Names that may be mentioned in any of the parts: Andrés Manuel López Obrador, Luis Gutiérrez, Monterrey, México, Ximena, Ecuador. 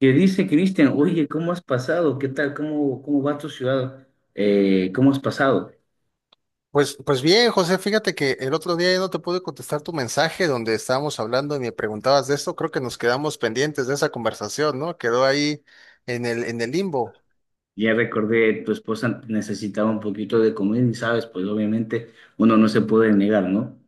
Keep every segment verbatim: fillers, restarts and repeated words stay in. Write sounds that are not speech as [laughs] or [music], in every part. Que dice, Cristian? Oye, ¿cómo has pasado? ¿Qué tal? ¿Cómo, cómo va tu ciudad? Eh, ¿cómo has pasado? Pues, pues bien, José, fíjate que el otro día ya no te pude contestar tu mensaje donde estábamos hablando y me preguntabas de esto. Creo que nos quedamos pendientes de esa conversación, ¿no? Quedó ahí en el, en el limbo. Ya recordé, tu esposa necesitaba un poquito de comida y sabes, pues obviamente uno no se puede negar, ¿no?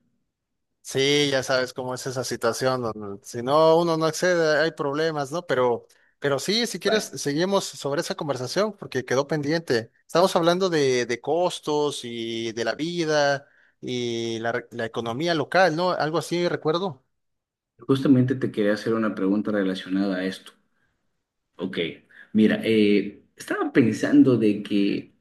Sí, ya sabes cómo es esa situación donde si no uno no accede, hay problemas, ¿no? Pero, pero sí, si quieres, Exacto. seguimos sobre esa conversación porque quedó pendiente. Estamos hablando de, de costos y de la vida y la, la economía local, ¿no? Algo así, recuerdo. Justamente te quería hacer una pregunta relacionada a esto. Ok, mira, eh, estaba pensando de que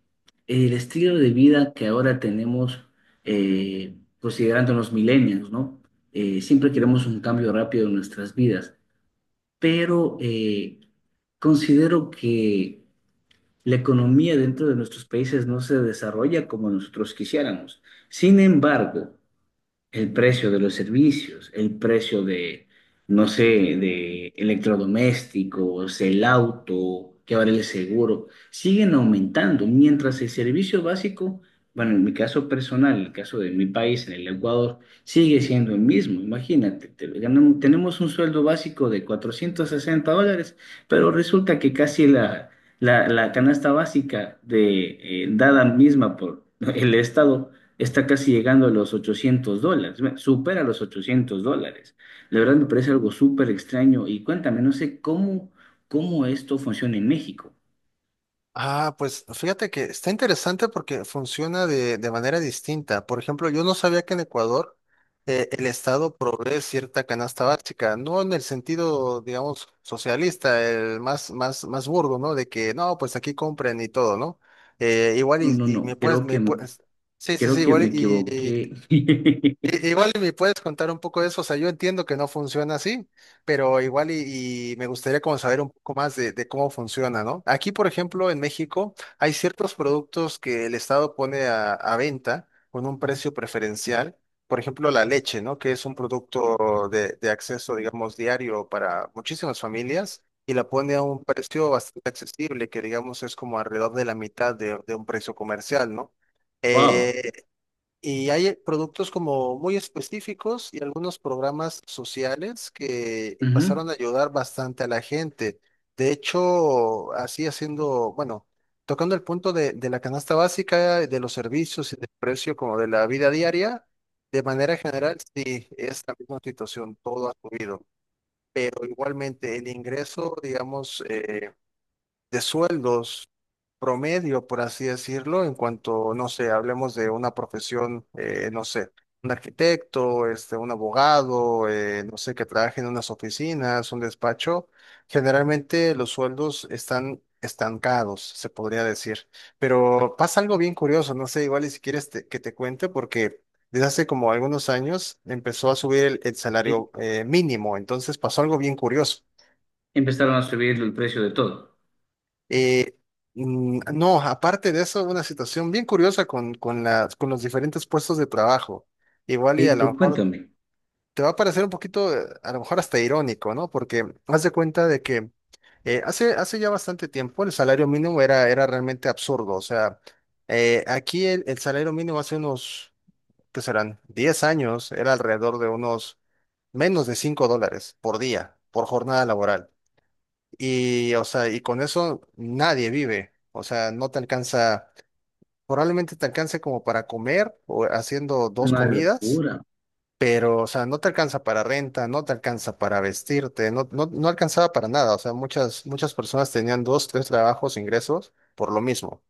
el estilo de vida que ahora tenemos, eh, considerando los millennials, ¿no? Eh, siempre queremos un cambio rápido en nuestras vidas, pero eh, considero que la economía dentro de nuestros países no se desarrolla como nosotros quisiéramos. Sin embargo, el precio de los servicios, el precio de, no sé, de electrodomésticos, el auto, que vale el seguro, siguen aumentando, mientras el servicio básico, bueno, en mi caso personal, en el caso de mi país, en el Ecuador, sigue siendo el mismo. Imagínate, te- ganamos- tenemos un sueldo básico de cuatrocientos sesenta dólares, pero resulta que casi la, la, la canasta básica de, eh, dada misma por el Estado, está casi llegando a los ochocientos dólares, bueno, supera los ochocientos dólares. La verdad me parece algo súper extraño y cuéntame, no sé cómo, cómo esto funciona en México. Ah, pues fíjate que está interesante porque funciona de, de manera distinta. Por ejemplo, yo no sabía que en Ecuador eh, el Estado provee cierta canasta básica, no en el sentido, digamos, socialista, el más, más, más burdo, ¿no? De que no, pues aquí compren y todo, ¿no? Eh, igual No, y, no, y no, me puedes, creo que me me, puedes. Sí, sí, creo sí, que igual me y, equivoqué. [laughs] I- Igual y me puedes contar un poco de eso, o sea, yo entiendo que no funciona así, pero igual y, y me gustaría como saber un poco más de, de cómo funciona, ¿no? Aquí, por ejemplo, en México hay ciertos productos que el Estado pone a, a venta con un precio preferencial, por ejemplo, la leche, ¿no? Que es un producto de, de acceso, digamos, diario para muchísimas familias y la pone a un precio bastante accesible, que digamos es como alrededor de la mitad de de un precio comercial, ¿no? Wow. Eh, y hay productos como muy específicos y algunos programas sociales que Ujú. empezaron a ayudar bastante a la gente. De hecho, así haciendo, bueno, tocando el punto de, de la canasta básica, de los servicios y del precio como de la vida diaria, de manera general, sí, es la misma situación, todo ha subido. Pero igualmente el ingreso, digamos, eh, de sueldos promedio, por así decirlo, en cuanto, no sé, hablemos de una profesión, eh, no sé, un arquitecto, este, un abogado, eh, no sé, que trabaje en unas oficinas, un despacho, generalmente los sueldos están estancados, se podría decir. Pero pasa algo bien curioso, no sé, igual y si quieres te- que te cuente, porque desde hace como algunos años empezó a subir el, el Sí, salario eh, mínimo, entonces pasó algo bien curioso. empezaron a subir el precio de todo. Eh, mm, no, aparte de eso, una situación bien curiosa con, con las, con los diferentes puestos de trabajo. Ok, Igual y a lo pero mejor cuéntame, te va a parecer un poquito, eh, a lo mejor hasta irónico, ¿no? Porque haz de cuenta de que eh, hace, hace ya bastante tiempo el salario mínimo era, era realmente absurdo. O sea, eh, aquí el, el salario mínimo hace unos, ¿qué serán? Diez años era alrededor de unos menos de cinco dólares por día, por jornada laboral. Y, o sea, y con eso nadie vive. O sea, no te alcanza, probablemente te alcance como para comer o haciendo dos una comidas, locura, pero, o sea, no te alcanza para renta, no te alcanza para vestirte, no, no, no alcanzaba para nada. O sea, muchas, muchas personas tenían dos, tres trabajos, ingresos por lo mismo.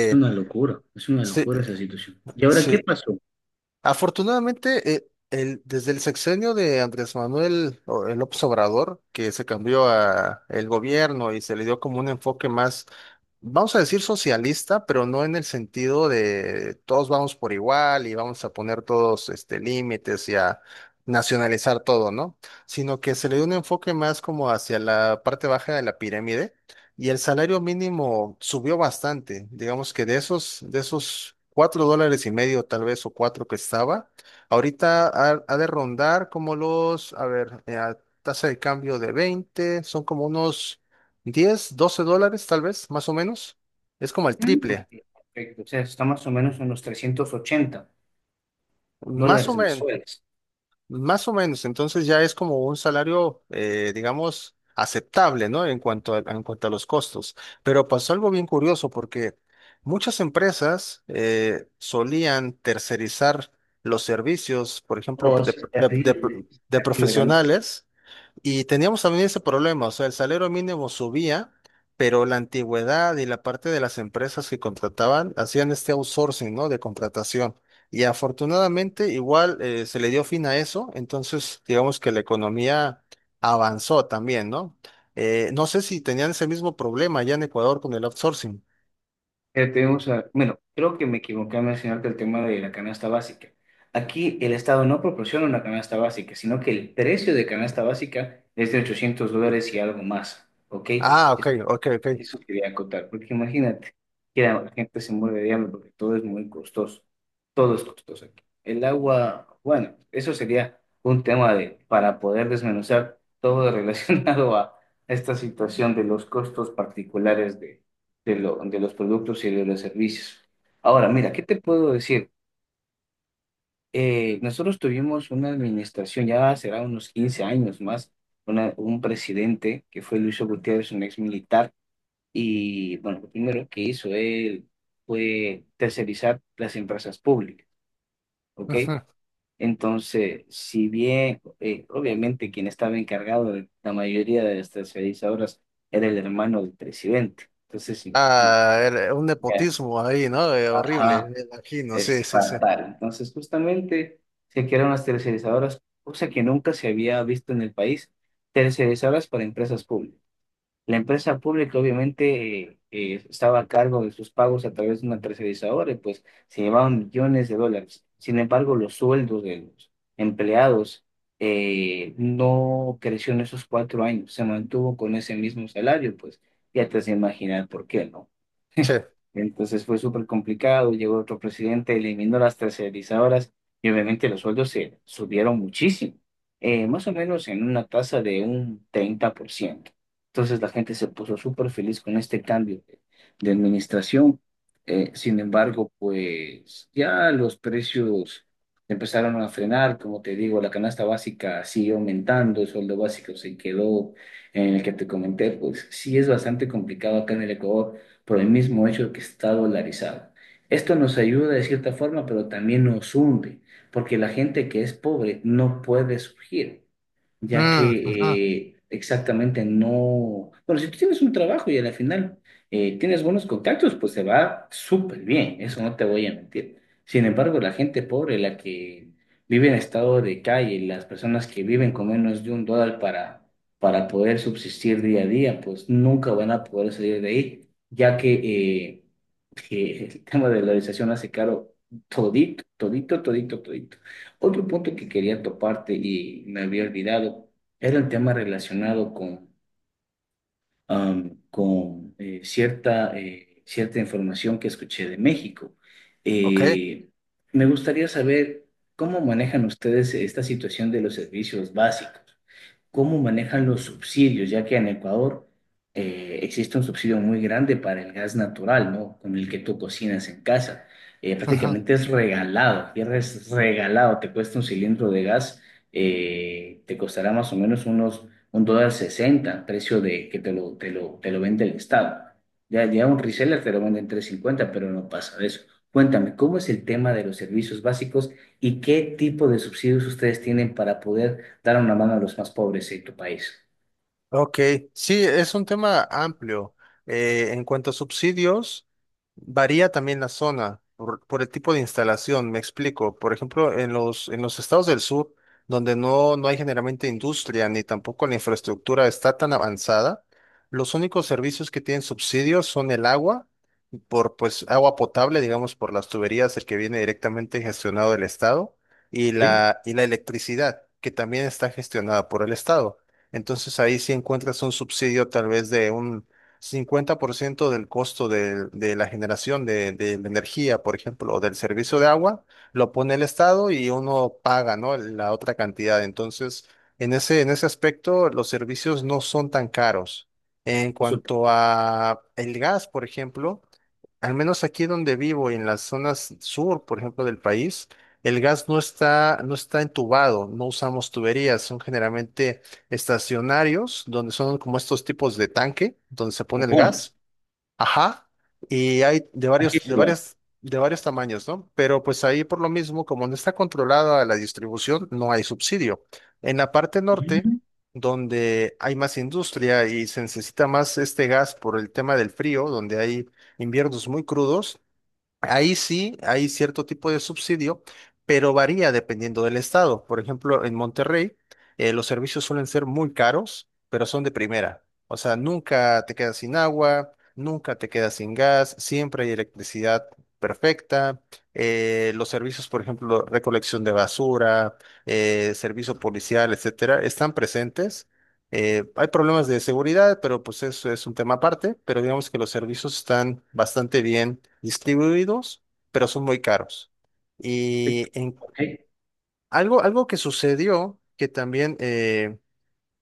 es una locura, es una sí, locura esa situación. ¿Y ahora qué sí. pasó? Afortunadamente, eh, el, desde el sexenio de Andrés Manuel o- López Obrador, que se cambió a el gobierno y se le dio como un enfoque más, vamos a decir, socialista, pero no en el sentido de todos vamos por igual y vamos a poner todos este, límites y a nacionalizar todo, ¿no? Sino que se le dio un enfoque más como hacia la parte baja de la pirámide y el salario mínimo subió bastante. Digamos que de esos, de esos cuatro dólares y medio tal vez o cuatro que estaba, ahorita ha, ha de rondar como los, a ver, eh, a tasa de cambio de veinte, son como unos diez doce dólares tal vez, más o menos. Es como el Mm, ok, triple, perfecto, o sea, está más o menos en los 380 más o dólares menos, mensuales. más o menos. Entonces ya es como un salario, eh, digamos, aceptable, ¿no? En cuanto a, en cuanto a los costos. Pero pasó algo bien curioso porque muchas empresas eh, solían tercerizar los servicios, por ejemplo, Oh, de, eso es de de- terrible, eso es de terrible, ¿verdad? profesionales. Y teníamos también ese problema, o sea, el salario mínimo subía, pero la antigüedad y la parte de las empresas que contrataban hacían este outsourcing, ¿no? De contratación. Y afortunadamente igual eh, se le dio fin a eso, entonces digamos que la economía avanzó también, ¿no? Eh, no sé si tenían ese mismo problema allá en Ecuador con el outsourcing. Ya tenemos a- bueno, creo que me equivoqué al mencionarte el tema de la canasta básica. Aquí el Estado no proporciona una canasta básica, sino que el precio de canasta básica es de ochocientos dólares y algo más, ¿ok? Ah, ok, ok, ok. Eso quería acotar, porque imagínate que la gente se muere de hambre porque todo es muy costoso. Todo es costoso aquí. El agua, bueno, eso sería un tema de, para poder desmenuzar todo [laughs] relacionado a esta situación de los costos particulares de, de, lo- de los productos y de los servicios. Ahora, mira, ¿qué te puedo decir? Eh, nosotros tuvimos una administración, ya será unos quince años más, una- un presidente que fue Luis Gutiérrez, un ex militar, y bueno, lo primero que hizo él fue tercerizar las empresas públicas, ¿ok? Ujú. Entonces, si bien eh, obviamente quien estaba encargado de la mayoría de las tercerizadoras era el hermano del presidente, entonces imagínate, Ah, era un ya, nepotismo ahí, ¿no? Eh, horrible, ajá, me imagino, sí, es sí, sí. fatal. Entonces, justamente se crearon las tercerizadoras, cosa que nunca se había visto en el país, tercerizadoras para empresas públicas. La empresa pública obviamente eh, eh, estaba a cargo de sus pagos a través de una tercerizadora y pues se llevaban millones de dólares. Sin embargo, los sueldos de los empleados eh, no creció en esos cuatro años, se mantuvo con ese mismo salario, pues ya te has de imaginar por qué, ¿no? Che. Entonces fue súper complicado, llegó otro presidente, eliminó las tercerizadoras y obviamente los sueldos se subieron muchísimo, eh, más o menos en una tasa de un treinta por ciento. Entonces la gente se puso súper feliz con este cambio de, de administración. Eh, sin embargo, pues ya los precios empezaron a frenar, como te digo, la canasta básica siguió aumentando, el sueldo básico se quedó en el que te comenté, pues sí es bastante complicado acá en el Ecuador por el mismo hecho de que está dolarizado. Esto nos ayuda de cierta forma, pero también nos hunde, porque la gente que es pobre no puede surgir, ya Mm, ujú. que eh, exactamente no... Bueno, si tú tienes un trabajo y a la final eh, tienes buenos contactos, pues se va súper bien, eso no te voy a mentir. Sin embargo, la gente pobre, la que vive en estado de calle, las personas que viven con menos de un dólar para para poder subsistir día a día, pues nunca van a poder salir de ahí ya que, eh, que el tema de la dolarización hace caro todito, todito, todito, todito. Otro punto que quería toparte y me había olvidado era el tema relacionado con, am, con eh, cierta, eh, cierta información que escuché de México. Ok. Eh, Me gustaría saber cómo manejan ustedes esta situación de los servicios básicos, cómo manejan los subsidios, ya que en Ecuador eh, existe un subsidio muy grande para el gas natural, ¿no? Con el que tú cocinas en casa. Eh, Ujú. Prácticamente es regalado, aquí es regalado, te cuesta un cilindro de gas, eh, te costará más o menos unos un dólar sesenta, precio de que te lo, te lo, te lo vende el Estado. Ya, ya un reseller te lo vende en tres cincuenta, pero no pasa de eso. Cuéntame, ¿cómo es el tema de los servicios básicos y qué tipo de subsidios ustedes tienen para poder dar una mano a los más pobres de tu país? Ok, sí, es un tema amplio. Eh, en cuanto a subsidios, varía también la zona por, por el tipo de instalación, me explico. Por ejemplo, en los, en los estados del sur, donde no, no hay generalmente industria ni tampoco la infraestructura está tan avanzada, los únicos servicios que tienen subsidios son el agua por pues agua potable, digamos, por las tuberías, el que viene directamente gestionado del Estado, y ¿Ok? la, y la electricidad, que también está gestionada por el Estado. Entonces ahí sí encuentras un subsidio tal vez de un cincuenta por ciento del costo de de, la generación de, de la energía, por ejemplo, o del servicio de agua, lo pone el Estado y uno paga, ¿no? La otra cantidad. Entonces, en ese, en ese aspecto, los servicios no son tan caros. En Consulta. cuanto a el gas, por ejemplo, al menos aquí donde vivo, en las zonas sur, por ejemplo, del país, el gas no está, no está entubado, no usamos tuberías, son generalmente estacionarios, donde son como estos tipos de tanque, donde se O pone el bonos. gas. Ajá, y hay de Aquí varios, es de igual. varias, de varios tamaños, ¿no? Pero pues ahí por lo mismo, como no está controlada la distribución, no hay subsidio. En la parte Ujú. norte, donde hay más industria y se necesita más este gas por el tema del frío, donde hay inviernos muy crudos, ahí sí hay cierto tipo de subsidio, pero varía dependiendo del estado. Por ejemplo, en Monterrey, eh, los servicios suelen ser muy caros, pero son de primera. O sea, nunca te quedas sin agua, nunca te quedas sin gas, siempre hay electricidad perfecta. Eh, los servicios, por ejemplo, recolección de basura, eh, servicio policial, etcétera, están presentes, eh, hay problemas de seguridad, pero pues eso es un tema aparte, pero digamos que los servicios están bastante bien distribuidos, pero son muy caros. Y en Ok. algo, algo que sucedió que también eh,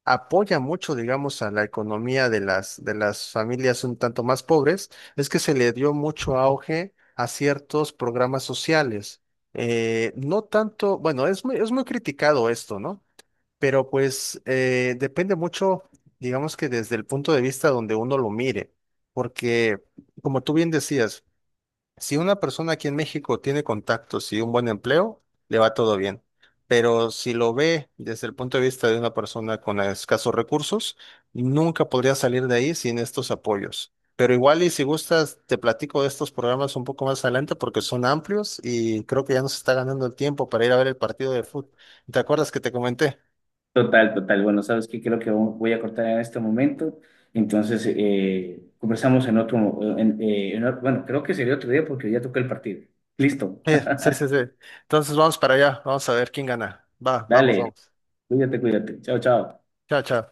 apoya mucho, digamos, a la economía de las, de las familias un tanto más pobres, es que se le dio mucho auge a ciertos programas sociales. Eh, no tanto, bueno, es muy, es muy criticado esto, ¿no? Pero pues eh, depende mucho, digamos que desde el punto de vista donde uno lo mire, porque como tú bien decías, si una persona aquí en México tiene contactos y un buen empleo, le va todo bien. Pero si lo ve desde el punto de vista de una persona con escasos recursos, nunca podría salir de ahí sin estos apoyos. Pero igual y si gustas, te platico de estos programas un poco más adelante porque son amplios y creo que ya nos está ganando el tiempo para ir a ver el partido de fútbol. ¿Te acuerdas que te comenté? Total, total. Bueno, ¿sabes qué? Creo que voy a cortar en este momento. Entonces, eh, conversamos en otro, en- eh, en otro... Bueno, creo que sería otro día porque ya tocó el partido. Listo. Sí, sí, [laughs] sí, sí. Entonces vamos para allá, vamos a ver quién gana. Va, vamos, Dale, vamos. cuídate, cuídate. Chao, chao. Chao, chao.